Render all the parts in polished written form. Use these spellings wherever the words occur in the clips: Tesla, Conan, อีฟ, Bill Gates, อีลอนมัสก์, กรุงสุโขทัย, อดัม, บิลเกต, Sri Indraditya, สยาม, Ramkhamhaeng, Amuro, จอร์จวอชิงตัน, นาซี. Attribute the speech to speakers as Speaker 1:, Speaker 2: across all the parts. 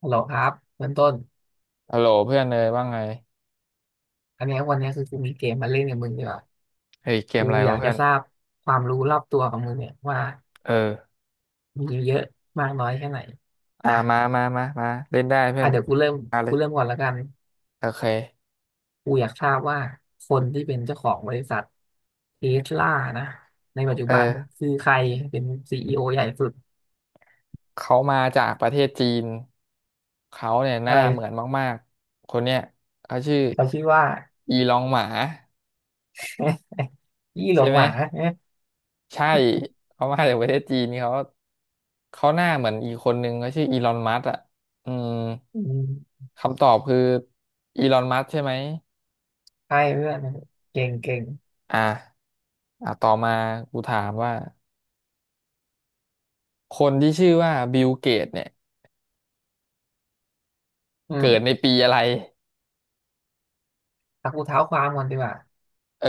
Speaker 1: ฮัลโหลครับเบื้องต้น
Speaker 2: ฮัลโหลเพื่อนเลยว่าไง
Speaker 1: อันเนี้ยวันเนี้ยคือกูมีเกมมาเล่นกับมึงดีกว่า
Speaker 2: เฮ้ยเกม
Speaker 1: กู
Speaker 2: อะไร
Speaker 1: อ
Speaker 2: วะ
Speaker 1: ยาก
Speaker 2: เพื่
Speaker 1: จะ
Speaker 2: อน
Speaker 1: ทราบความรู้รอบตัวของมึงเนี่ยว่า
Speaker 2: เออ
Speaker 1: มีเยอะมากน้อยแค่ไหน
Speaker 2: อ่า
Speaker 1: นะ
Speaker 2: มามามามาเล่นได้เพื่อ
Speaker 1: อ่ะ
Speaker 2: น
Speaker 1: เดี๋ยวกูเริ่ม
Speaker 2: มาเล
Speaker 1: กู
Speaker 2: ย
Speaker 1: เริ่มก่อนละกัน
Speaker 2: โอเค
Speaker 1: กูอยากทราบว่าคนที่เป็นเจ้าของบริษัทเทสลานะในปัจจุ
Speaker 2: เออ
Speaker 1: บันคือใครเป็นซีอีโอใหญ่สุด
Speaker 2: เขามาจากประเทศจีนเขาเนี่ยห
Speaker 1: อะ
Speaker 2: น้า
Speaker 1: ไร
Speaker 2: เหมือนมากๆคนเนี้ยเขาชื่อ
Speaker 1: เขาชื่อว่า
Speaker 2: อีลองหมา
Speaker 1: ยี่หล
Speaker 2: ใช่
Speaker 1: ง
Speaker 2: ไหม
Speaker 1: หวาเอ๊ะ
Speaker 2: ใช่เขามาจากประเทศจีนเขาหน้าเหมือนอีกคนนึงเขาชื่ออีลอนมัสก์อ่ะอืม
Speaker 1: อืม
Speaker 2: คำตอบคืออีลอนมัสก์ใช่ไหม
Speaker 1: ใช่เพื่อนเก่งเก่ง
Speaker 2: อ่ะอ่ะต่อมากูถามว่า คนที่ชื่อว่าบิลเกตเนี่ย
Speaker 1: อื
Speaker 2: เกิดใน
Speaker 1: ม
Speaker 2: ปีอะไร
Speaker 1: แต่กูเท้าความก่อนดีกว่า
Speaker 2: เออ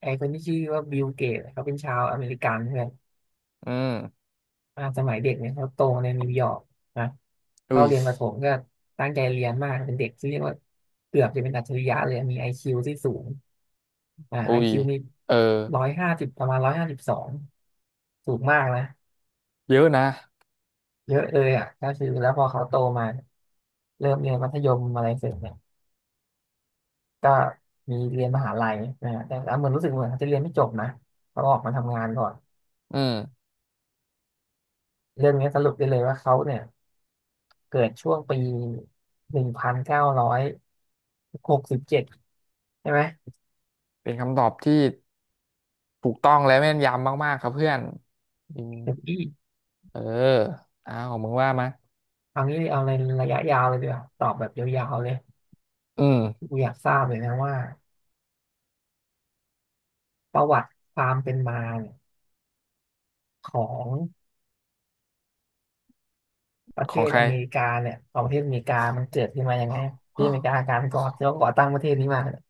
Speaker 1: ไอคนที่ชื่อว่าบิลเกตเขาเป็นชาวอเมริกันเพื่อน
Speaker 2: อืม
Speaker 1: สมัยเด็กเนี่ยเขาโตในนิวยอร์กนะ
Speaker 2: อุ้
Speaker 1: เข้า
Speaker 2: ย
Speaker 1: เรียนประถมก็ตั้งใจเรียนมากเป็นเด็กที่เรียกว่าเกือบจะเป็นอัจฉริยะเลยมีไอคิวที่สูง
Speaker 2: อุ้
Speaker 1: ไอ
Speaker 2: ย
Speaker 1: คิวมี
Speaker 2: เออ
Speaker 1: ร้อยห้าสิบประมาณ152สูงมากนะ
Speaker 2: เยอะนะ
Speaker 1: เยอะเลยอ่ะก็คือแล้วพอเขาโตมาเริ่มเรียนมัธยมอะไรเสร็จเนี่ยก็มีเรียนมหาลัยนะฮะแต่เหมือนรู้สึกเหมือนเขาจะเรียนไม่จบนะเขาออกมาทำงานก่อน
Speaker 2: อืม
Speaker 1: เรื่องนี้สรุปได้เลยว่าเขาเนี่ย เกิดช่วงปี1967ใช่ไหม
Speaker 2: เป็นคำตอบที่ถูกต้องและแม่นยำมากๆครับเพื่อนอืม
Speaker 1: เดี๋ยวพี่
Speaker 2: เอออ้าวมึงว่ามา
Speaker 1: เอางี้เอาในระยะยาวเลยดีกว่าตอบแบบยาวๆเลย
Speaker 2: อืม
Speaker 1: กูอยากทราบเลยนะว่าประวัติความเป็นมาเนี่ยของประเท
Speaker 2: ของ
Speaker 1: ศ
Speaker 2: ใคร
Speaker 1: อเมริกาเนี่ยของประเทศอเมริกามันเกิดขึ้นมายังไงที่อเมริ กาการก่อที่เขาก่อตั้งประเทศนี้มาเนี่ย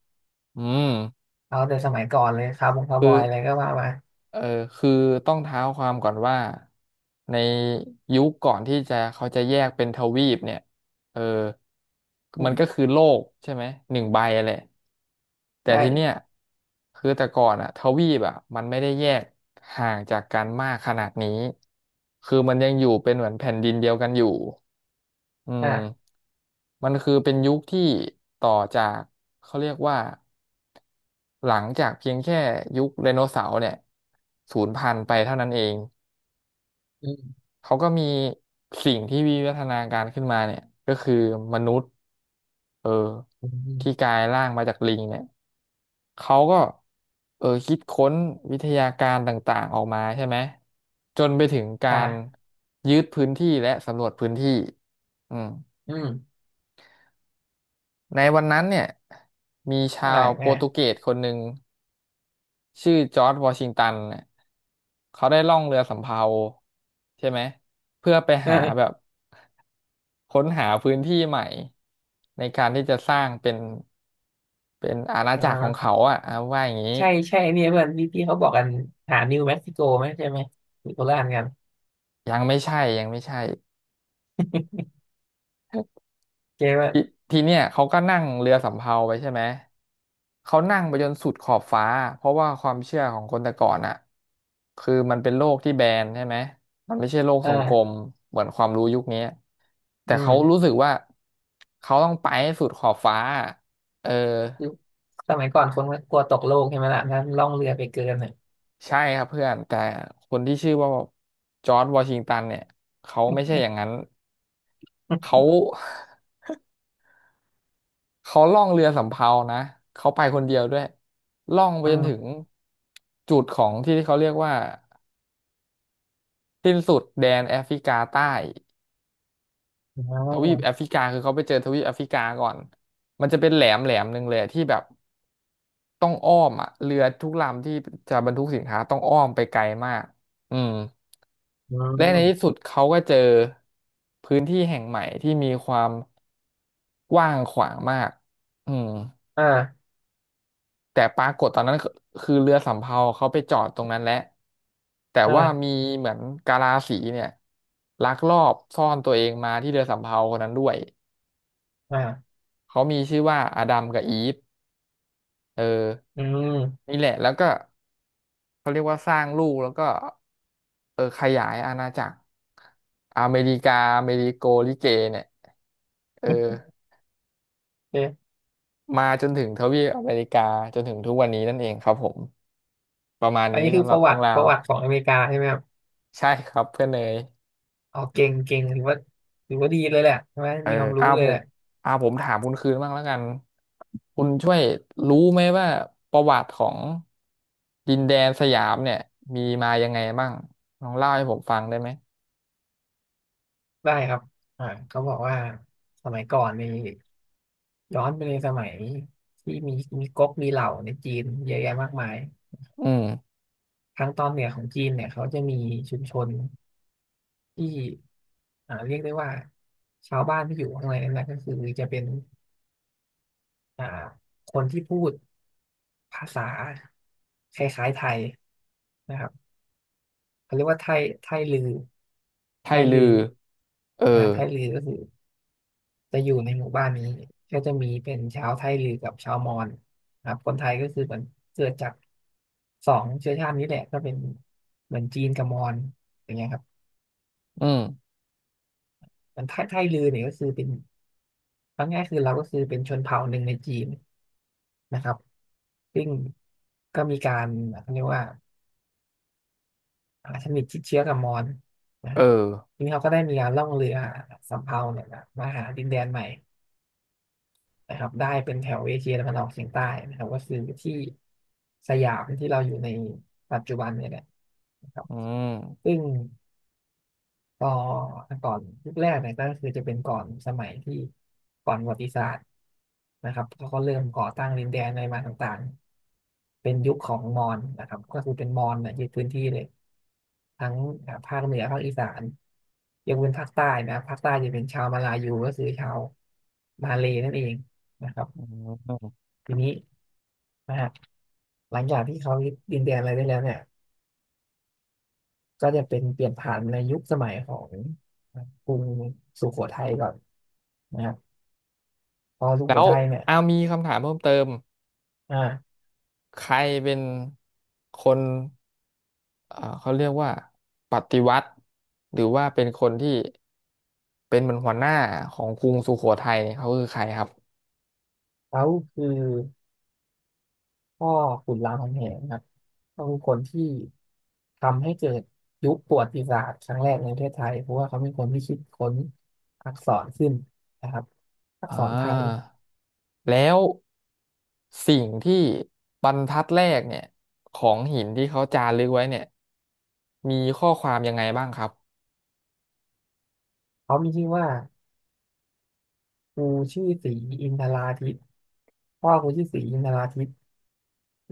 Speaker 2: อืม
Speaker 1: เอาแต่สมัยก่อนเลยคาร์บงคาร์บอยอะไรก็ว่ามา
Speaker 2: เออคือต้องเท้าความก่อนว่าในยุคก่อนที่จะเขาจะแยกเป็นทวีปเนี่ยเออ
Speaker 1: อื
Speaker 2: มันก็
Speaker 1: ม
Speaker 2: คือโลกใช่ไหมหนึ่งใบแหละแต่ทีเนี้ย
Speaker 1: ใช่
Speaker 2: คือแต่ก่อนอะทวีปอะมันไม่ได้แยกห่างจากกันมากขนาดนี้คือมันยังอยู่เป็นเหมือนแผ่นดินเดียวกันอยู่อืม
Speaker 1: อ่ะ
Speaker 2: มันคือเป็นยุคที่ต่อจากเขาเรียกว่า หลังจากเพียงแค่ยุคไดโนเสาร์เนี่ยสูญพันธุ์ไปเท่านั้นเอง
Speaker 1: อืม
Speaker 2: เขาก็มีสิ่งที่วิวัฒนาการขึ้นมาเนี่ยก็คือมนุษย์เออ
Speaker 1: อืมอืม
Speaker 2: ที่กลายร่างมาจากลิงเนี่ยเขาก็คิดค้นวิทยาการต่างๆออกมาใช่ไหมจนไปถึงการ
Speaker 1: อ่ะ
Speaker 2: ยึดพื้นที่และสำรวจพื้นที่อืม
Speaker 1: อืม
Speaker 2: ในวันนั้นเนี่ยมีชา
Speaker 1: อ่ะ
Speaker 2: วโป
Speaker 1: ไง
Speaker 2: รตุเกส คนหนึ่ง ชื่อจอร์จวอชิงตันน่ะเขาได้ล่องเรือสำเภาใช่ไหมเพื่อไป
Speaker 1: เอ
Speaker 2: หา
Speaker 1: อ
Speaker 2: แบบค้นหาพื้นที่ใหม่ในการที่จะสร้างเป็นเป็นอาณา
Speaker 1: อ่
Speaker 2: จักรของเขา
Speaker 1: า
Speaker 2: อ่ะเอาว่าอย่างนี้
Speaker 1: ใช่ใช่เนี่ยเพื่อนที่ที่เขาบอกกันหานิวเม็กซิโกไหมใช่ไหมมีโคราชกัน
Speaker 2: ยังไม่ใช่ยังไม่ใช่
Speaker 1: เจ๊ว่า
Speaker 2: ทีทีเนี้ยเขาก็นั่งเรือสำเภาไปใช่ไหมเขานั่งไปจนสุดขอบฟ้าเพราะว่าความเชื่อของคนแต่ก่อนอะคือมันเป็นโลกที่แบนใช่ไหมมันไม่ใช่โลก
Speaker 1: เอ
Speaker 2: ทรงกลม
Speaker 1: อ
Speaker 2: เหมือนความรู้ยุคนี้แต่
Speaker 1: อื
Speaker 2: เขา
Speaker 1: ม
Speaker 2: รู้สึกว่าเขาต้องไปให้สุดขอบฟ้าเออ
Speaker 1: คือสมัยก่อนคนก็กลัวตกโลกใช่ไหมล่ะนั้นล่องเรือไปเกินน่อย
Speaker 2: ใช่ครับเพื่อนแต่คนที่ชื่อว่าจอร์จวอชิงตันเนี่ยเขาไม่ใช่อย่างนั้นเขา เขาล่องเรือสำเภานะเขาไปคนเดียวด้วยล่องไป
Speaker 1: อื
Speaker 2: จนถึง
Speaker 1: ม
Speaker 2: จุดของที่ที่เขาเรียกว่าสิ้นสุดแดนแอฟริกาใต้
Speaker 1: อ๋
Speaker 2: ทวีปแอ
Speaker 1: อ
Speaker 2: ฟริกาคือเขาไปเจอทวีปแอฟริกาก่อนมันจะเป็นแหลมแหลมหนึ่งเลยที่แบบต้องอ้อมอ่ะเรือทุกลำที่จะบรรทุกสินค้าต้องอ้อมไปไกลมากอืม
Speaker 1: อื
Speaker 2: และในที่
Speaker 1: ม
Speaker 2: สุดเขาก็เจอพื้นที่แห่งใหม่ที่มีความกว้างขวางมากอืม
Speaker 1: อ่า
Speaker 2: แต่ปรากฏตอนนั้นคือเรือสำเภาเขาไปจอดตรงนั้นแหละแต่ว่า
Speaker 1: อ่า
Speaker 2: มีเหมือนกาลาสีเนี่ยลักลอบซ่อนตัวเองมาที่เรือสำเภาคนนั้นด้วย
Speaker 1: อ่า
Speaker 2: เขามีชื่อว่าอดัมกับอีฟเออ
Speaker 1: อืม
Speaker 2: นี่แหละแล้วก็เขาเรียกว่าสร้างลูกแล้วก็ขยายอาณาจักรอเมริกาอเมริโกลิเกเนี่ยเออ
Speaker 1: โอเค
Speaker 2: มาจนถึงทวีปอเมริกาจนถึงทุกวันนี้นั่นเองครับผมประมาณ
Speaker 1: อัน
Speaker 2: นี้
Speaker 1: นี้คือ
Speaker 2: สำห
Speaker 1: ป
Speaker 2: รับ
Speaker 1: ระวั
Speaker 2: เรื่อง
Speaker 1: ติ
Speaker 2: รา
Speaker 1: ป
Speaker 2: ว
Speaker 1: ระวัติของอเมริกาใช่ไหมครับ
Speaker 2: ใช่ครับเพื่อนเนย
Speaker 1: เอาเก่งเก่งถือว่าดีเลยแหละใช่ไหม
Speaker 2: เออ
Speaker 1: มีความรู้
Speaker 2: เอา
Speaker 1: เลย
Speaker 2: ผ
Speaker 1: แห
Speaker 2: ม
Speaker 1: ละ
Speaker 2: เอาผมถามคุณคืนบ้างแล้วกันคุณช่วยรู้ไหมว่าประวัติของดินแดนสยามเนี่ยมีมายังไงบ้างลองเล่าให้ผมฟังได้ไหม
Speaker 1: ได้ครับเขาบอกว่าสมัยก่อนนี่ ย้อนไปในสมัยที่มีก๊กมีเหล่าในจีนเยอะแยะมากมาย
Speaker 2: อืม
Speaker 1: ทางตอนเหนือของจีนเนี่ยเขาจะมีชุมชนที่เรียกได้ว่าชาวบ้านที่อยู่ข้างในนั้นนะก็คือจะเป็นอ่าคนที่พูดภาษาคล้ายๆไทยนะครับเขาเรียกว่าไทยลือ
Speaker 2: ไท
Speaker 1: ไทยลื
Speaker 2: ลื
Speaker 1: อ
Speaker 2: อเออ
Speaker 1: ไทยลือก็คือ จะอยู่ในหมู่บ้านนี้ก็จะมีเป็นชาวไทลือกับชาวมอญครับคนไทยก็คือเหมือนเกิดจากสองเชื้อชาตินี้แหละก็เป็นเหมือนจีนกับมอญอย่างเงี้ยครับ
Speaker 2: อืม
Speaker 1: มันไทลือเนี่ยก็คือเป็นเอาง่ายๆคือเราก็คือเป็นชนเผ่าหนึ่งในจีนนะครับซึ่งก็มีการเขาเรียกว่าสนิทชิดเชื้อกับมอญนะ
Speaker 2: เอ
Speaker 1: ฮะ
Speaker 2: อ
Speaker 1: ทีนี้เขาก็ได้มีการล่องเรือสำเภาเนี่ยนะมาหาดินแดนใหม่ นะครับได้เป็นแถวเอเชียตะวันออกเฉียงใต้นะครับก็คือที่สยามที่เราอยู่ในปัจจุบันเนี่ยแหละนะครับ
Speaker 2: อื
Speaker 1: ซึ่
Speaker 2: ม
Speaker 1: งก็ก่อนยุคแรกเนี่ยก็คือจะเป็นก่อนสมัยที่ก่อนประวัติศาสตร์นะครับเขาก็เริ่มก่อตั้งดินแดนอะไรมาต่างๆเป็นยุคของมอญนะครับก็คือเป็นมอญเนี่ยยึดพื้นที่เลยทั้งภาคเหนือภาคอีสานยกเว้นภาคใต้นะภาคใต้จะเป็นชาวมาลายูก็คือชาวมาเลย์นั่นเองนะครับ
Speaker 2: อืม
Speaker 1: ทีนี้นะฮะหลังจากที่เขายึดดินแดนอะไรได้แล้วเนี่ยก็จะเป็นเปลี่ยนผ่านในยุคสมัยของกรุงสุโขทัยก่อนนะครับพอสุ
Speaker 2: แล้
Speaker 1: โข
Speaker 2: ว
Speaker 1: ทัยเนี่ย
Speaker 2: อามีคำถามเพิ่มเติม
Speaker 1: อ่า
Speaker 2: ใครเป็นคน เอ่อเขาเรียกว่าปฏิวัติหรือว่าเป็นคนที่เป็นเหมือนหัวหน้าของกรุงสุโขทัยเนี่ยเขาคือใครครับ
Speaker 1: เขาคือพ่อขุนรามคำแหงครับเขาคือคนที่ทำให้เกิดยุคประวัติศาสตร์ครั้งแรกในประเทศไทยเพราะว่าเขาเป็นคนที่คิดค้นอักษรขึ้นนะครับอัก
Speaker 2: อ่
Speaker 1: ษรไทย
Speaker 2: าแล้วสิ่งที่บรรทัดแรกเนี่ยของหินที่เขาจารึกไว้เนี่ยมีข้อความยังไงบ้างครับ
Speaker 1: เขามีชื่อว่าครูชื่อศรีอินทราทิตย์พ่อครูชื่อศรีอินทราทิต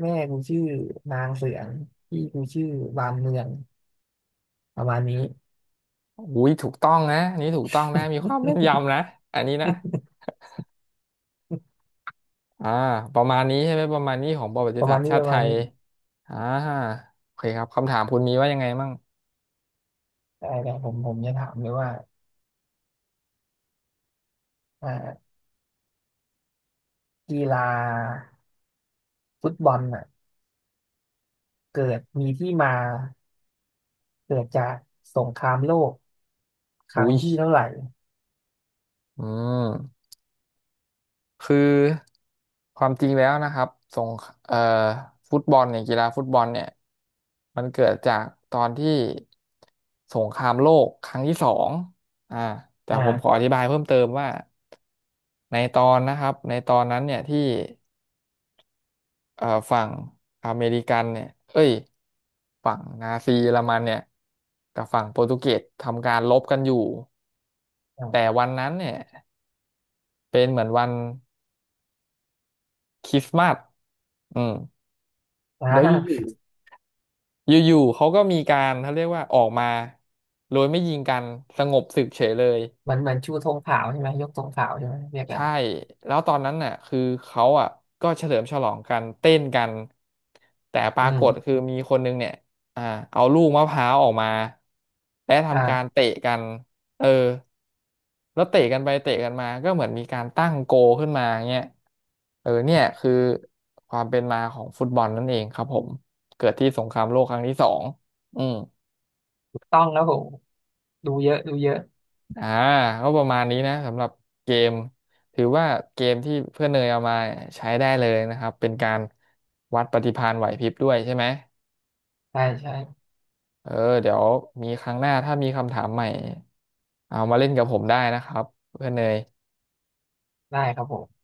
Speaker 1: แม่กูชื่อนางเสืองพี่กูชื่อบานเมืองประมาณนี้
Speaker 2: อุ้ยถูกต้องนะอันนี่ถูกต้องนะมีความแม่น ยำนะอันนี้นะอ่าประมาณนี้ใช่ไหมประมาณนี้ของประวั
Speaker 1: ป
Speaker 2: ติ
Speaker 1: ระ
Speaker 2: ศา
Speaker 1: มา
Speaker 2: สต
Speaker 1: ณ
Speaker 2: ร์
Speaker 1: นี้
Speaker 2: ชา
Speaker 1: ป
Speaker 2: ติ
Speaker 1: ระ
Speaker 2: ไท
Speaker 1: มาณ
Speaker 2: ย
Speaker 1: นี้
Speaker 2: อ่าโอเคครับคำถามคุณมีว่ายังไงมั่ง
Speaker 1: แต่ผมจะถามเลยว่าอ่ากีฬาฟุตบอลอ่ะเกิดมีที่มาเกิดจากสงครามโลกครั้ง
Speaker 2: อุ้ย
Speaker 1: ที่เท่าไหร่
Speaker 2: อืมคือความจริงแล้วนะครับสงคเอ่อฟุตบอลเนี่ยกีฬาฟุตบอลเนี่ยมันเกิดจากตอนที่สงครามโลกครั้งที่สองอ่าแต่
Speaker 1: อ
Speaker 2: ผมขออ
Speaker 1: ่า
Speaker 2: ธิบายเพิ่มเติมว่าในตอนนะครับในตอนนั้นเนี่ยที่เอ่อฝั่งอเมริกันเนี่ยเอ้ยฝั่งนาซีเยอรมันเนี่ยกับฝั่งโปรตุเกสทำการรบกันอยู่
Speaker 1: อ่
Speaker 2: แต่
Speaker 1: า
Speaker 2: วันนั้นเนี่ยเป็นเหมือนวันคริสต์มาสอืม
Speaker 1: อ่า
Speaker 2: เดี๋ยวอยู่ ๆอยู่ๆเขาก็มีการเขาเรียกว่าออกมาโดยไม่ยิงกันสงบศึกเฉยเลย
Speaker 1: มันเหมือนชูธงขาวใช่ไหมยกธงขาวใช่ไหมเรียกกัน
Speaker 2: ใช่แล้วตอนนั้นน่ะคือเขาอ่ะก็เฉลิมฉลองกันเต้นกันแต่ป
Speaker 1: อื
Speaker 2: รากฏคื
Speaker 1: ม
Speaker 2: อมีคนนึงเนี่ยอ่าเอาลูกมะพร้าวออกมาและ
Speaker 1: อ
Speaker 2: ทำการ
Speaker 1: ่า
Speaker 2: เตะกันเออแล้วเตะกันไปเตะกันมาก็เหมือนมีการตั้งโกลขึ้นมาเงี้ยเนี่ยคือความเป็นมาของฟุตบอลนั่นเองครับผมเกิดที่สงครามโลกครั้งที่สองอืม
Speaker 1: ถูกต้องแล้วผมดูเยอะดูเยอะ
Speaker 2: อ่าก็ประมาณนี้นะสำหรับเกมถือว่าเกมที่เพื่อนเนยเอามาใช้ได้เลยนะครับเป็นการวัดปฏิภาณไหวพริบด้วยใช่ไหม
Speaker 1: ใช่ใช่
Speaker 2: เออเดี๋ยวมีครั้งหน้าถ้ามีคำถามใหม่เอามาเล่นกับผมได้นะครับเพื่อนเนย
Speaker 1: ได้ครับผม